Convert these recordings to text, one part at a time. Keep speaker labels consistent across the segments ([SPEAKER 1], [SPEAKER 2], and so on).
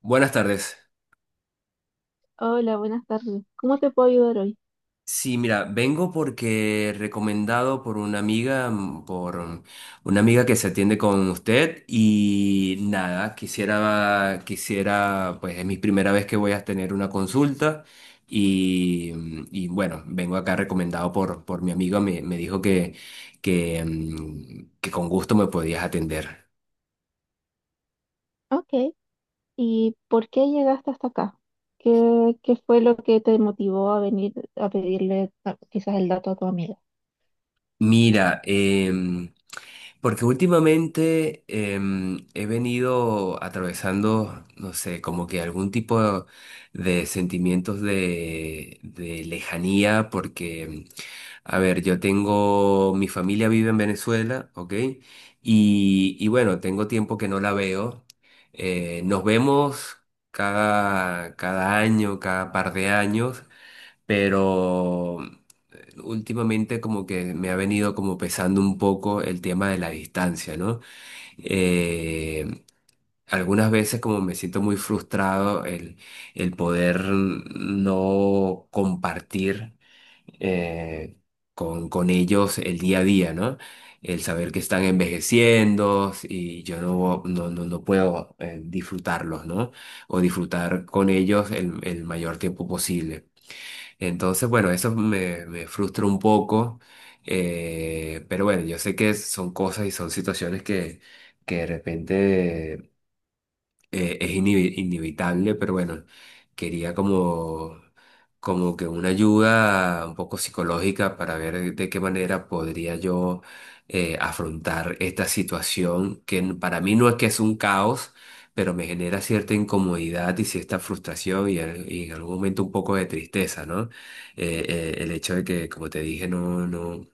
[SPEAKER 1] Buenas tardes.
[SPEAKER 2] Hola, buenas tardes. ¿Cómo te puedo ayudar hoy?
[SPEAKER 1] Sí, mira, vengo porque recomendado por una amiga, una amiga que se atiende con usted y nada, quisiera, pues es mi primera vez que voy a tener una consulta y bueno, vengo acá recomendado por mi amiga, me dijo que con gusto me podías atender.
[SPEAKER 2] Ok. ¿Y por qué llegaste hasta acá? ¿Qué fue lo que te motivó a venir a pedirle quizás el dato a tu amiga?
[SPEAKER 1] Mira, porque últimamente he venido atravesando, no sé, como que algún tipo de sentimientos de lejanía, porque, a ver, yo tengo, mi familia vive en Venezuela, ¿ok? Y y bueno, tengo tiempo que no la veo. Nos vemos cada año, cada par de años, pero. Últimamente como que me ha venido como pesando un poco el tema de la distancia, ¿no? Eh, algunas veces como me siento muy frustrado el poder no compartir eh, con ellos el día a día, ¿no? El saber que están envejeciendo y yo no, no, no, no puedo disfrutarlos, ¿no? O disfrutar con ellos el mayor tiempo posible. Entonces, bueno, me frustra un poco, pero bueno, yo sé que son cosas y son situaciones que de repente es inevitable, pero bueno, quería como, como que una ayuda un poco psicológica para ver de qué manera podría yo afrontar esta situación para mí no es que es un caos, pero me genera cierta incomodidad y cierta frustración y en algún momento un poco de tristeza, ¿no? El hecho de que, como te dije, no, no,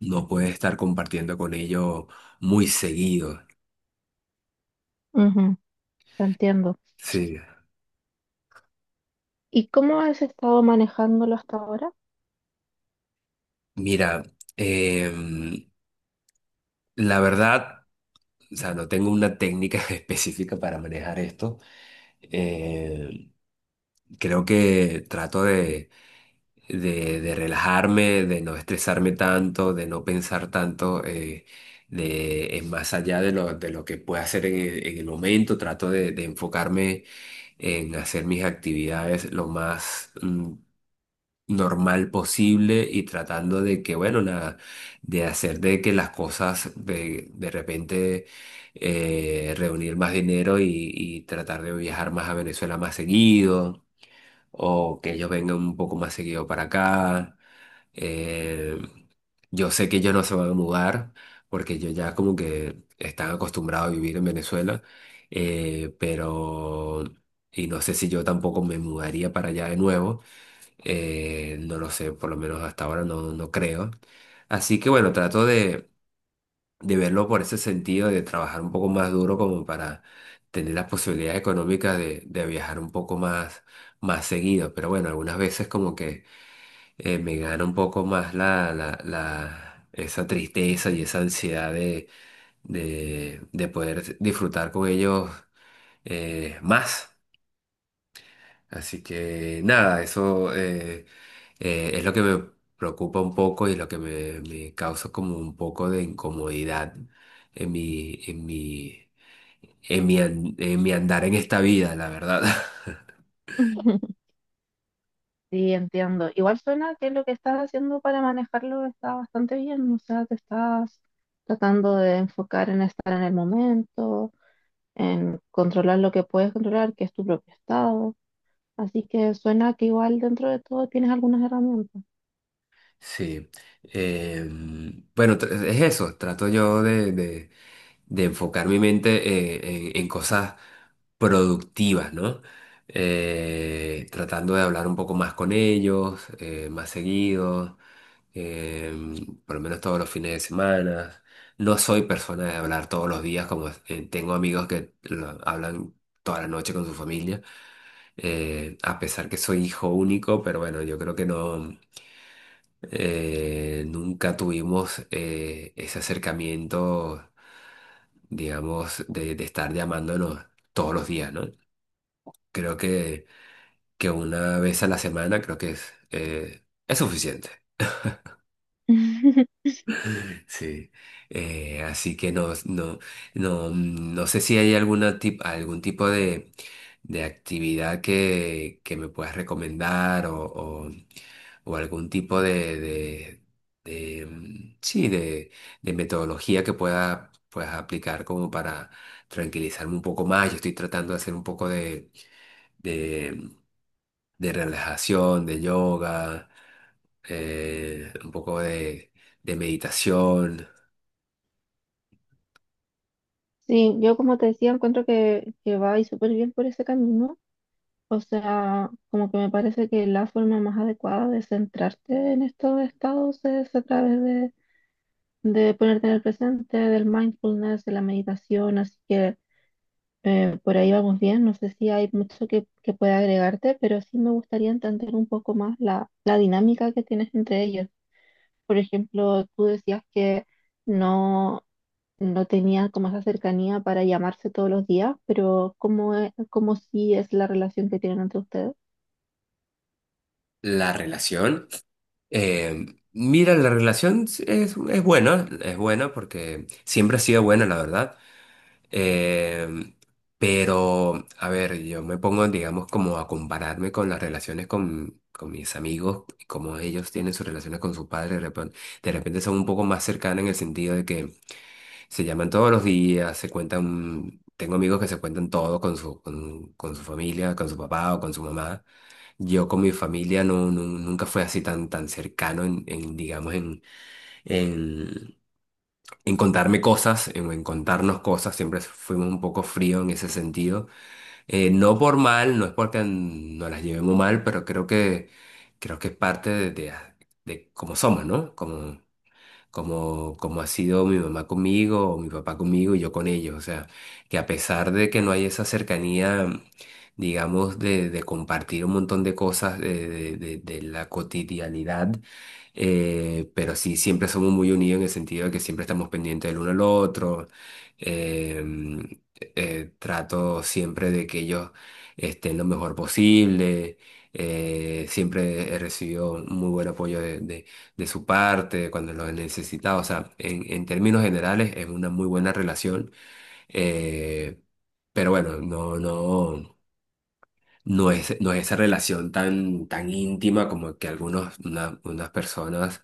[SPEAKER 1] no puedes estar compartiendo con ellos muy seguido.
[SPEAKER 2] Ujú, te entiendo.
[SPEAKER 1] Sí.
[SPEAKER 2] ¿Y cómo has estado manejándolo hasta ahora?
[SPEAKER 1] Mira, em, la verdad, o sea, no tengo una técnica específica para manejar esto. Eh, creo que trato de relajarme, de no estresarme tanto, de no pensar tanto en más allá de lo que pueda hacer en el momento. Trato de enfocarme en hacer mis actividades lo más normal posible y tratando de que, bueno, de hacer de que las cosas de repente reunir más dinero y tratar de viajar más a Venezuela más seguido o que ellos vengan un poco más seguido para acá. Eh, yo sé que ellos no se van a mudar porque ellos ya como que están acostumbrados a vivir en Venezuela, pero. Y no sé si yo tampoco me mudaría para allá de nuevo, no lo sé, por lo menos hasta ahora no, no creo. Así que bueno, trato de verlo por ese sentido, de trabajar un poco más duro como para tener las posibilidades económicas de viajar un poco más, más seguido. Pero bueno, algunas veces como que me gana un poco más esa tristeza y esa ansiedad de poder disfrutar con ellos más. Así que nada, eso. Es lo que me preocupa un poco y lo que me causa como un poco de incomodidad en mi, en mi, en mi andar en esta vida, la verdad.
[SPEAKER 2] Sí, entiendo. Igual suena que lo que estás haciendo para manejarlo está bastante bien, o sea, te estás tratando de enfocar en estar en el momento, en controlar lo que puedes controlar, que es tu propio estado. Así que suena que igual dentro de todo tienes algunas herramientas.
[SPEAKER 1] Sí. Bueno, es eso. Trato yo de enfocar mi mente en cosas productivas, ¿no? Tratando de hablar un poco más con ellos, más seguido. eh, por lo menos todos los fines de semana. No soy persona de hablar todos los días, como tengo amigos hablan toda la noche con su familia, a pesar que soy hijo único, pero bueno, yo creo que no, nunca tuvimos ese acercamiento, digamos, de estar llamándonos todos los días, ¿no? Creo que una vez a la semana creo que es suficiente. Sí, así que no, no, no, no sé si hay algún tipo de actividad que me puedas recomendar o algún tipo de, mm, sí, de, de metodología que pueda, puedas aplicar como para tranquilizarme un poco más. Yo estoy tratando de hacer un poco de, de relajación, de yoga, un poco de meditación.
[SPEAKER 2] Sí, yo como te decía, encuentro que va y súper bien por ese camino. O sea, como que me parece que la forma más adecuada de centrarte en estos estados es a través de ponerte en el presente, del mindfulness, de la meditación. Así que por ahí vamos bien. No sé si hay mucho que pueda agregarte, pero sí me gustaría entender un poco más la dinámica que tienes entre ellos. Por ejemplo, tú decías que no, no tenía como esa cercanía para llamarse todos los días, pero ¿cómo sí es la relación que tienen entre ustedes?
[SPEAKER 1] La relación. eh, Mira, la relación sí es buena porque siempre ha sido buena, la verdad. Eh, pero, a ver, yo me pongo, digamos, como a compararme con las relaciones con mis amigos, como ellos tienen sus relaciones con sus padres, de repente son un poco más cercanas en el sentido de que se llaman todos los días, se cuentan, tengo amigos que se cuentan todo con con su familia, con su papá o con su mamá. Yo con mi familia no, nunca fue así tan, tan cercano digamos, en, en contarme cosas, en contarnos cosas. Siempre fuimos un poco frío en ese sentido. No por mal, no es porque nos las llevemos mal, pero creo creo que es parte de cómo somos, ¿no? Como ha sido mi mamá conmigo o mi papá conmigo y yo con ellos. O sea, que a pesar de que no hay esa cercanía, digamos, de compartir un montón de cosas de la cotidianidad, pero sí siempre somos muy unidos en el sentido de que siempre estamos pendientes del uno al otro. Em, trato siempre de que ellos estén lo mejor posible. Siempre he recibido muy buen apoyo de su parte, cuando lo necesitaba. O sea, en términos generales es una muy buena relación, eh, pero bueno, no, no, no es, no es esa relación tan, tan íntima como que algunos, unas personas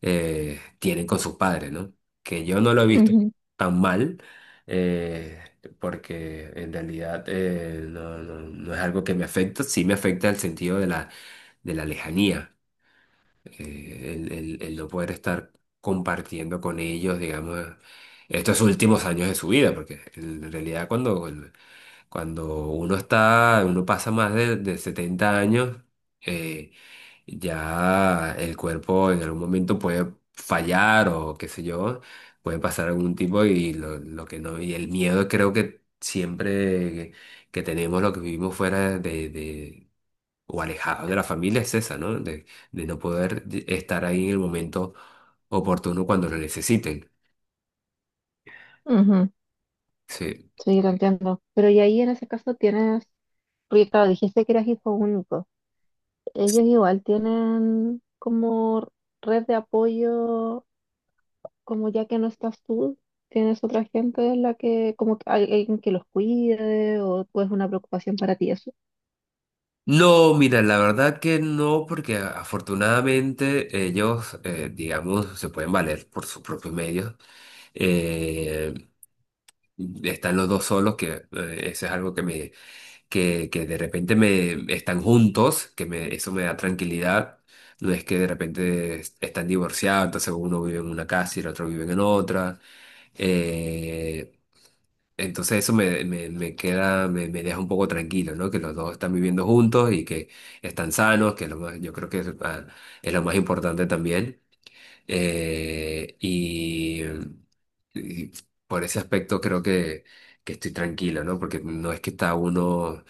[SPEAKER 1] tienen con sus padres, ¿no? Que yo no lo he visto
[SPEAKER 2] Ujú,
[SPEAKER 1] tan mal. eh, Porque en realidad no, no, no es algo que me afecta, sí me afecta el sentido de la lejanía, el no poder estar compartiendo con ellos, digamos, estos últimos años de su vida, porque en realidad cuando uno está, uno pasa más de 70 años, eh, ya el cuerpo en algún momento puede fallar o qué sé yo, puede pasar algún tipo y lo que no, y el miedo creo que siempre que tenemos lo que vivimos fuera o alejado de la familia es esa, ¿no? De no poder estar ahí en el momento oportuno cuando lo necesiten.
[SPEAKER 2] ujú.
[SPEAKER 1] Sí.
[SPEAKER 2] Sí, lo entiendo. Pero y ahí en ese caso tienes, porque claro, dijiste que eras hijo único. Ellos igual tienen como red de apoyo, como ya que no estás tú, tienes otra gente en la que, como que hay alguien que los cuide o es una preocupación para ti eso.
[SPEAKER 1] No, mira, la verdad que no, porque afortunadamente ellos, digamos, se pueden valer por sus propios medios. Eh, están los dos solos, que eso es algo que me que de repente me están juntos, eso me da tranquilidad. No es que de repente están divorciados, entonces uno vive en una casa y el otro vive en otra. Eh, entonces me queda, me deja un poco tranquilo, ¿no? Que los dos están viviendo juntos y que están sanos, que es lo más, yo creo que es, es lo más importante también. Eh, y, y por ese aspecto creo que estoy tranquilo, ¿no? Porque no es que está uno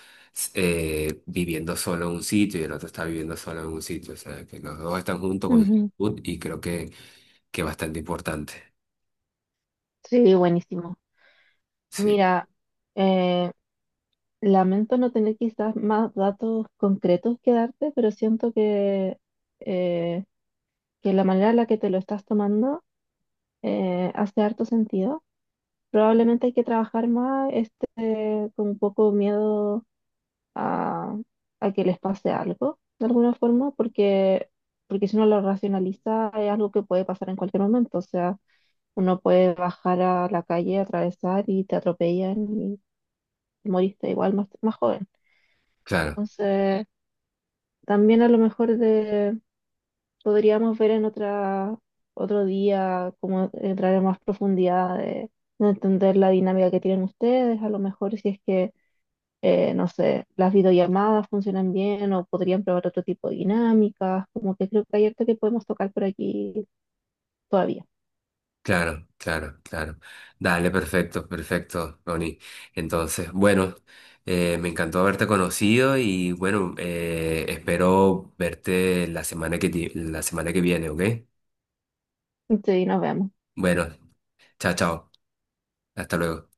[SPEAKER 1] viviendo solo en un sitio y el otro está viviendo solo en un sitio. O sea, que los dos están juntos con y creo que es bastante importante.
[SPEAKER 2] Sí, buenísimo.
[SPEAKER 1] Sí,
[SPEAKER 2] Mira, eh, lamento no tener quizás más datos concretos que darte, pero siento eh, que la manera en la que te lo estás tomando hace harto sentido. Probablemente hay que trabajar más este, con un poco miedo a, a que les pase algo, de alguna forma, porque, porque si uno lo racionaliza es algo que puede pasar en cualquier momento. O sea, uno puede bajar a la calle, atravesar y te atropellan te moriste igual más, más joven.
[SPEAKER 1] claro.
[SPEAKER 2] Entonces, también a lo mejor de, podríamos ver en otra, otro día cómo entrar en más profundidad de entender la dinámica que tienen ustedes, a lo mejor si es que, no sé, las videollamadas funcionan bien o podrían probar otro tipo de dinámicas, como que creo que hay harto que podemos tocar por aquí todavía.
[SPEAKER 1] Claro, claro, claro. Dale, perfecto, perfecto, Ronnie. Entonces, bueno, me encantó haberte conocido y bueno, espero verte la semana la semana que viene, ¿ok?
[SPEAKER 2] Sí, nos vemos.
[SPEAKER 1] Bueno, chao, chao. Hasta luego.